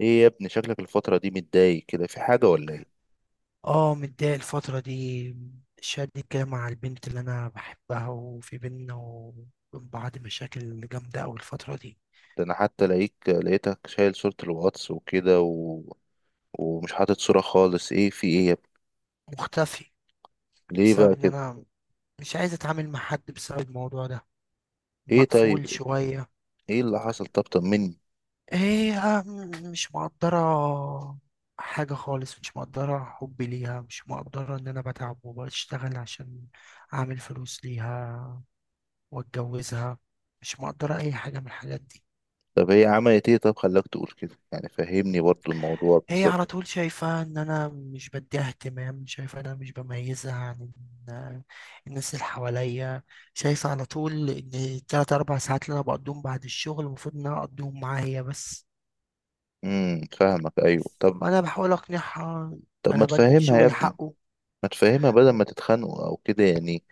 ايه يا ابني، شكلك الفترة دي متضايق كده في حاجة ولا ايه؟ اه، متضايق الفترة دي. شادي كده مع البنت اللي أنا بحبها، وفي بينا وبين بعض مشاكل جامدة أوي الفترة دي. ده انا حتى لقيتك شايل صورة الواتس وكده ومش حاطط صورة خالص، ايه في ايه يا ابني؟ مختفي. ليه بسبب بقى إن كده؟ أنا مش عايز أتعامل مع حد بسبب الموضوع ده. ايه مقفول طيب، شوية. ايه اللي حصل؟ طب طمني. هي مش مقدرة حاجة خالص، مش مقدرة حبي ليها، مش مقدرة إن أنا بتعب وبشتغل عشان أعمل فلوس ليها وأتجوزها، مش مقدرة أي حاجة من الحاجات دي. طب هي عملت ايه طب خلاك تقول كده؟ يعني فهمني برضو الموضوع هي بالظبط. على طول شايفة ان انا مش بديها اهتمام، شايفة ان انا مش بميزها عن ال- الناس اللي حواليا. شايفة على طول ان التلات اربع ساعات اللي انا بقضيهم بعد الشغل المفروض ان انا اقضيهم معاها هي بس. فاهمك، ايوه طب. وانا بحاول اقنعها. طب ما انا بدي تفهمها يا الشغل ابني، حقه. ما تفهمها بدل ما تتخانقوا او كده يعني.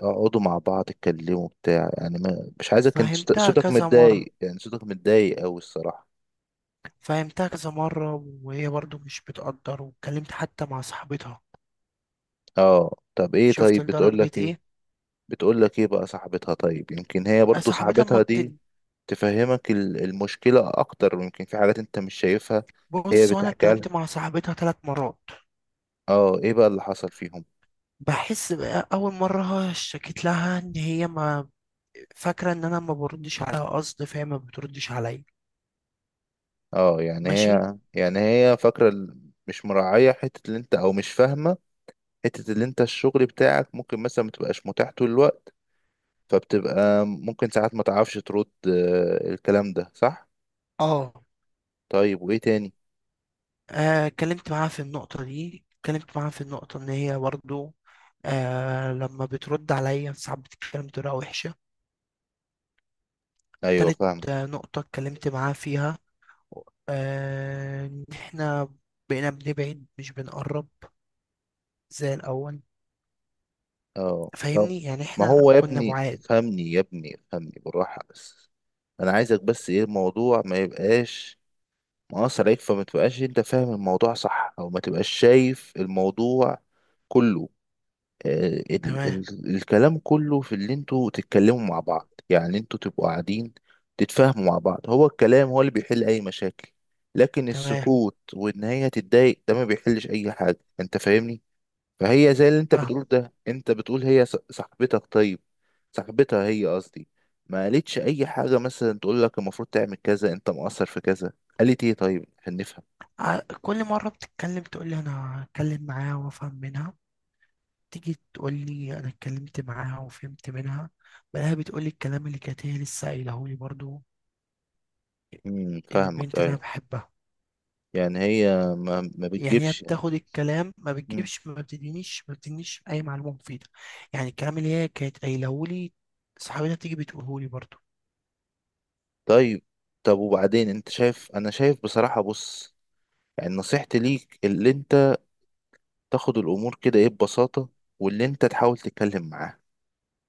اقعدوا مع بعض اتكلموا بتاع، يعني ما مش عايزك انت فهمتها صوتك كذا مرة، متضايق، يعني صوتك متضايق اوي الصراحة. فهمتها كذا مرة، وهي برضو مش بتقدر. واتكلمت حتى مع صاحبتها. اه طب ايه، شفت طيب بتقول لدرجة لك ايه؟ ايه؟ بتقول لك ايه بقى صاحبتها؟ طيب يمكن هي برضو صاحبتها صاحبتها ما دي تفهمك المشكلة اكتر، ويمكن في حاجات انت مش شايفها. هي بتبص. وانا بتحكي لها؟ اتكلمت مع صاحبتها 3 مرات. اه ايه بقى اللي حصل فيهم؟ بحس بقى اول مره اشتكيت لها ان هي ما فاكره ان انا ما بردش عليها قصد، فهي ما بتردش عليا. اه يعني ماشي. هي، يعني هي فاكرة مش مراعية حتة اللي انت، او مش فاهمة حتة اللي انت الشغل بتاعك ممكن مثلا متبقاش متاح طول الوقت، فبتبقى ممكن ساعات ما تعرفش ترد. الكلام ده صح. اه. طيب وايه تاني؟ اتكلمت معاها في النقطه دي، اتكلمت معاها في النقطه ان هي برضه لما بترد عليا ساعات بتتكلم بطريقه وحشه. ايوه تالت فاهمة. نقطه اتكلمت معاها فيها، ان احنا بقينا بنبعد مش بنقرب زي الاول. اه طب، فاهمني؟ يعني ما احنا هو يا كنا ابني بعاد. افهمني، يا ابني افهمني بالراحة بس. انا عايزك بس، ايه الموضوع ما يبقاش مقصر عليك، فما تبقاش انت فاهم الموضوع صح، او ما تبقاش شايف الموضوع كله. آه ال تمام. ال الكلام كله في اللي انتوا تتكلموا مع بعض، يعني انتوا تبقوا قاعدين تتفاهموا مع بعض، هو الكلام هو اللي بيحل اي مشاكل. لكن تمام. السكوت وان هي تتضايق ده ما بيحلش اي حاجة، انت فاهمني. فهي زي اللي انت فاهم. بتقول، ده انت بتقول هي صاحبتك، طيب صاحبتها هي قصدي، ما قالتش اي حاجة مثلا تقول لك المفروض تعمل كذا، انت مقصر في كذا؟ قالت ايه طيب عشان نفهم؟ كل مرة بتتكلم تقول لي أنا أتكلم معاها وأفهم منها. تيجي تقول لي أنا اتكلمت معاها وفهمت منها، بلاقيها بتقول لي الكلام اللي كانت هي لسه قايلهولي برضو. فاهمك، البنت اللي أنا ايوه. بحبها. يعني هي ما يعني هي بتجيبش. بتاخد الكلام، ما امم بتجيبش، ما بتدينيش أي معلومة مفيدة. يعني الكلام اللي هي كانت قايلهولي صاحبتها تيجي بتقولهولي برضو. طيب. طب وبعدين؟ انت شايف، انا شايف بصراحة، بص، يعني نصيحتي ليك اللي انت تاخد الامور كده ايه، ببساطة، واللي انت تحاول تتكلم معاه،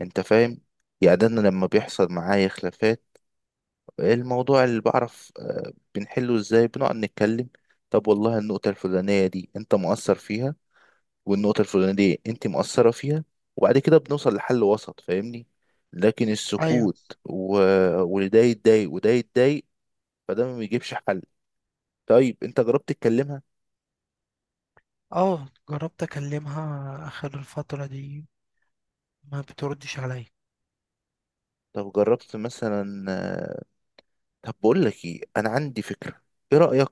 انت فاهم. يعني ده انا لما بيحصل معايا خلافات، إيه الموضوع اللي بعرف، بنحله ازاي؟ بنقعد نتكلم. طب والله النقطة الفلانية دي انت مؤثر فيها، والنقطة الفلانية دي انت مؤثرة فيها، وبعد كده بنوصل لحل وسط، فاهمني. لكن أيوه. السكوت و... وده يتضايق وده يتضايق، فده ما بيجيبش حل. طيب انت جربت تكلمها؟ أه، جربت أكلمها آخر الفترة دي. ما بتردش عليا. طب جربت مثلا؟ طب بقول لك ايه، انا عندي فكرة، ايه رأيك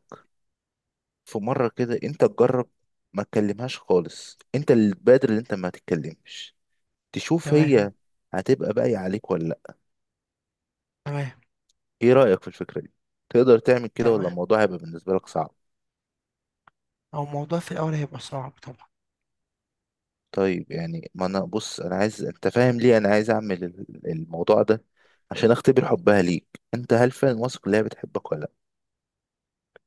في مرة كده انت تجرب ما تكلمهاش خالص، انت اللي تبادر ان انت ما تتكلمش، تشوف تمام. هي هتبقى باقية عليك ولا لأ. تمام. ايه رأيك في الفكرة دي؟ تقدر تعمل كده ولا تمام. الموضوع هيبقى بالنسبة لك صعب؟ هو الموضوع في الأول هيبقى صعب طبعا. طيب يعني، ما انا بص، انا عايز انت فاهم ليه انا عايز اعمل الموضوع ده، عشان اختبر حبها ليك انت، هل فعلا واثق ان هي بتحبك ولا لا.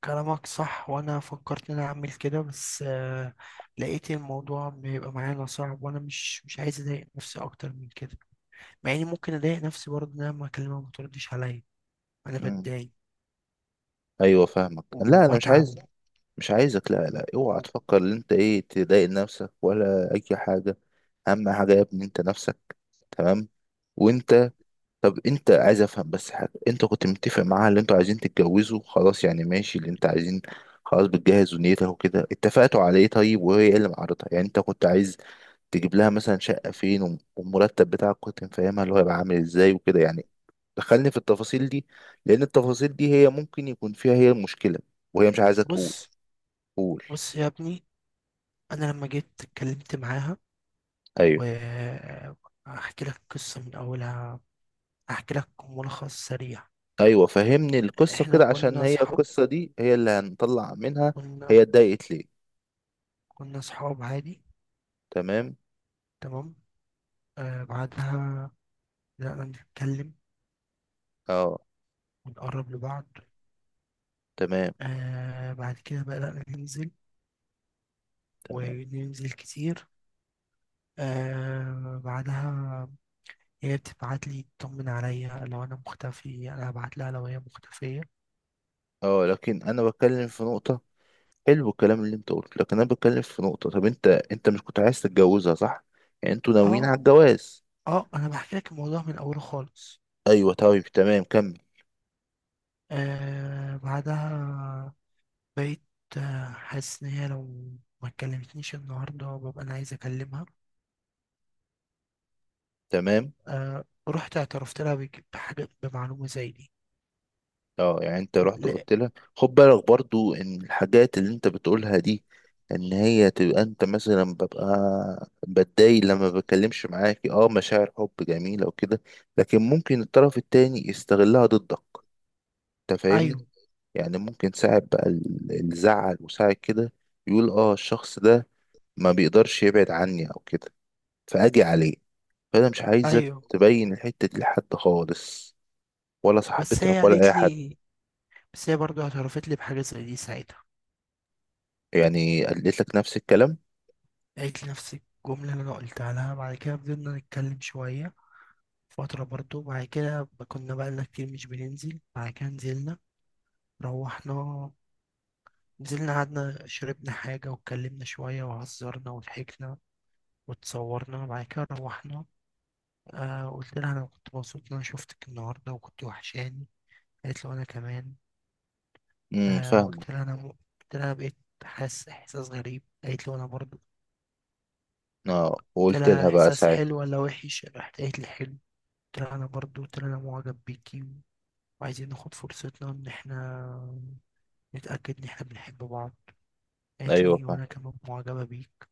كلامك صح، وانا فكرت ان انا اعمل كده، بس لقيت الموضوع بيبقى معانا صعب. وانا مش عايز اضايق نفسي اكتر من كده. مع اني ممكن اضايق نفسي برضه، ان انا لما اكلمها ما تردش عليا انا مم. بتضايق ايوه فاهمك. لا انا مش وبتعب. عايز، مش عايزك. لا لا، اوعى تفكر ان انت ايه تضايق نفسك ولا اي حاجة، اهم حاجة يا ابني انت نفسك، تمام. وانت، طب انت عايز، افهم بس حاجه، انت كنت متفق معاها اللي انتوا عايزين تتجوزوا خلاص يعني، ماشي اللي انت عايزين خلاص بتجهز ونيتها وكده، اتفقتوا على ايه طيب؟ وهي ايه اللي معرضها؟ يعني انت كنت عايز تجيب لها مثلا شقه فين، والمرتب بتاعك كنت مفهمها اللي هو هيبقى عامل ازاي وكده يعني، دخلني في التفاصيل دي، لان التفاصيل دي هي ممكن يكون فيها هي المشكله، وهي مش عايزه تقول. بص، قول. بص يا ابني. انا لما جيت اتكلمت معاها، ايوه. وهحكي لك قصة من اولها، هحكي لك ملخص سريع. ايوه فهمني القصه احنا كده، عشان كنا هي صحاب. القصه دي هي اللي هنطلع منها. كنا هي اتضايقت ليه؟ كنا صحاب عادي. تمام. تمام. بعدها بدأنا نتكلم اه. ونقرب لبعض. تمام. بعد كده بدأنا ننزل تمام. وننزل كتير. بعدها هي بتبعت لي تطمن عليا لو انا مختفي، انا هبعت لها لو هي مختفية. اه لكن انا بتكلم في نقطة، حلو الكلام اللي انت قلته، لكن انا بتكلم في نقطة، طب انت، انت مش كنت عايز تتجوزها؟ صح، يعني انتوا ناويين اه، على الجواز. اه، انا بحكي لك الموضوع من اوله خالص. ايوه طيب تمام، كمل. بعدها بقيت حاسس ان هي لو ما كلمتنيش النهارده ببقى انا عايز اكلمها. تمام. رحت اعترفت لها بحاجة، بمعلومة زي دي. اه يعني انت رحت لا. قلت لها خد بالك برضو ان الحاجات اللي انت بتقولها دي، ان هي تبقى، انت مثلا ببقى بتضايق لما بتكلمش معاكي، اه مشاعر حب جميلة وكده، لكن ممكن الطرف التاني يستغلها ضدك، انت فاهمني. ايوه، يعني ممكن ساعة بقى الزعل وساعة كده يقول اه الشخص ده ما بيقدرش يبعد عني او كده، فاجي عليه. فانا مش عايزك ايوه. تبين الحتة دي لحد خالص، ولا بس هي صاحبتك ولا اي قالت حد. لي بس هي برضه اعترفت لي بحاجة زي دي ساعتها. يعني قالت لك نفس الكلام؟ قالت لي نفس الجملة اللي أنا قلتها لها. بعد كده فضلنا نتكلم شوية فترة برضه. بعد كده كنا بقالنا كتير مش بننزل. بعد كده نزلنا. روحنا، نزلنا قعدنا شربنا حاجة واتكلمنا شوية وهزرنا وضحكنا واتصورنا. بعد كده روحنا. قلت لها أنا كنت مبسوط إن أنا شفتك النهاردة وكنت وحشاني. قالت له أنا كمان. آه فاهمه. قلت لها أنا م... قلت لها أنا بقيت حاسس إحساس غريب. قالت له أنا برضه. اه قلت وقلت لها لها بقى احساس ساعتها؟ حلو ولا وحش، راحت قالت لي حلو. قلت لها انا برضو، قلت لها انا معجب بيكي، وعايزين ناخد فرصتنا ان احنا نتاكد ان احنا بنحب بعض. قالت ايوه. لي وانا كمان معجبه بيك.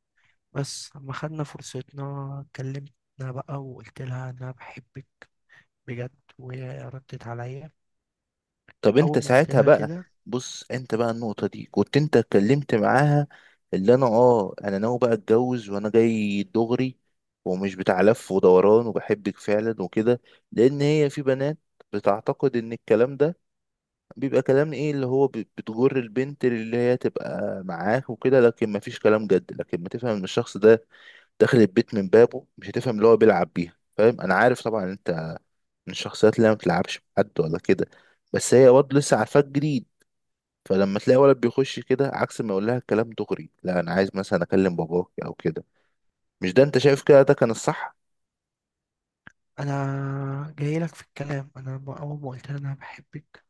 بس اما خدنا فرصتنا كلمتنا بقى، وقلت لها انا بحبك بجد، وهي ردت عليا طب انت اول ما قلت ساعتها لها بقى، كده. بص انت بقى النقطة دي كنت انت اتكلمت معاها اللي انا اه انا ناوي بقى اتجوز، وانا جاي دغري ومش بتاع لف ودوران، وبحبك فعلا وكده. لان هي، في بنات بتعتقد ان الكلام ده بيبقى كلام ايه، اللي هو بتجر البنت اللي هي تبقى معاك وكده، لكن مفيش كلام جد. لكن ما تفهم ان الشخص ده داخل البيت من بابه، مش هتفهم اللي هو بيلعب بيها، فاهم؟ انا عارف طبعا انت من الشخصيات اللي ما بتلعبش مع حد ولا كده، بس هي برضه لسه عارفاك جديد، فلما تلاقي ولد بيخش كده عكس، ما يقول لها الكلام دغري، لا انا عايز مثلا اكلم باباك او كده، مش ده انت شايف كده ده كان الصح؟ انا جاي لك في الكلام. اول ما قلت لها انا بحبك،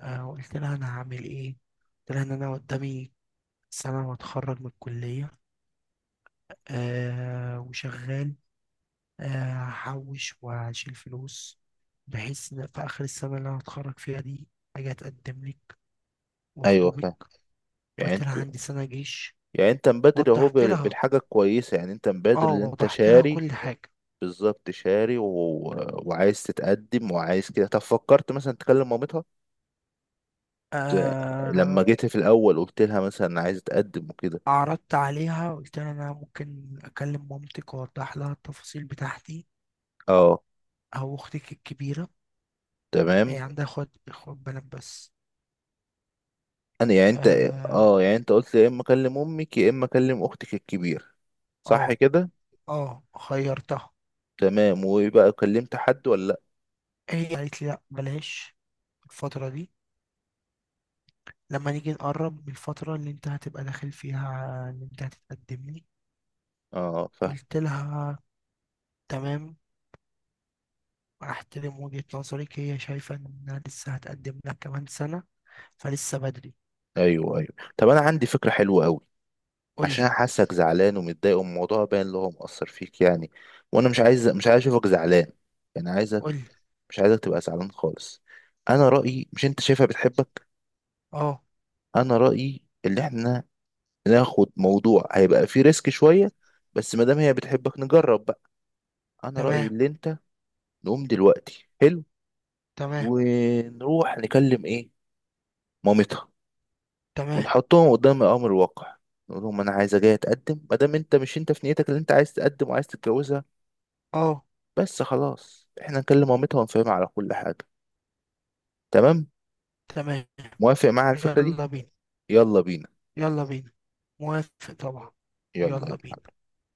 قلت لها انا هعمل ايه. قلت لها ان انا قدامي سنه واتخرج من الكليه، وشغال. هحوش وهشيل فلوس، بحيث إن في آخر السنة اللي أنا هتخرج فيها دي أجي أتقدم لك ايوه وأخطبك. فاهم. يعني وقلت لها انت، عندي سنة جيش. يعني انت مبادر اهو وضحت لها بالحاجه الكويسه، يعني انت مبادر ان انت وضحت لها شاري، كل حاجة. بالظبط شاري وعايز تتقدم وعايز كده. طب فكرت مثلا تكلم مامتها؟ ت- لما آه جيت في الاول قلت لها مثلا أنا عايز اتقدم وكده؟ أعرضت عليها، قلت لها أنا ممكن أكلم مامتك وأوضح لها التفاصيل بتاعتي اه. أو أختك الكبيرة. هي تمام. عندها أخوات، أخوات بنات بس. انا يعني انت، آه. اه يعني انت قلت يا اما اكلم امك يا اما اكلم اختك الكبيره، صح آه. كده؟ آه. خيرتها. تمام، ويبقى كلمت حد ولا لا؟ هي قالت لي لأ، بلاش الفترة دي. لما نيجي نقرب من الفترة اللي انت هتبقى داخل فيها، اللي انت هتتقدم لي. اه فاهم. قلت لها تمام، احترم وجهة نظرك. هي شايفة انها لسه هتقدم لك كمان سنة، فلسه بدري. ايوه ايوه. طب انا عندي فكره حلوه قوي، قولي، عشان حاسك زعلان ومتضايق، والموضوع باين اللي هو مأثر فيك يعني، وانا مش عايز، مش عايز اشوفك زعلان، يعني عايزك، قولي. مش عايزك تبقى زعلان خالص. انا رأيي، مش انت شايفها بتحبك؟ اه. انا رأيي اللي احنا ناخد موضوع هيبقى فيه ريسك شويه، بس ما دام هي بتحبك نجرب بقى. انا رأيي تمام. اللي انت نقوم دلوقتي حلو، تمام. ونروح نكلم ايه، مامتها، تمام. ونحطهم قدام الامر الواقع، نقول لهم انا عايزه جايه اتقدم، ما دام انت مش، انت في نيتك اللي انت عايز تقدم وعايز تتجوزها، اه، بس خلاص احنا نكلم مامتها ونفهمها على كل حاجه، تمام؟ تمام. موافق معايا على الفكره دي؟ يلا بينا. يلا بينا. يلا بينا. موافق طبعا. يلا يلا بينا. يلا.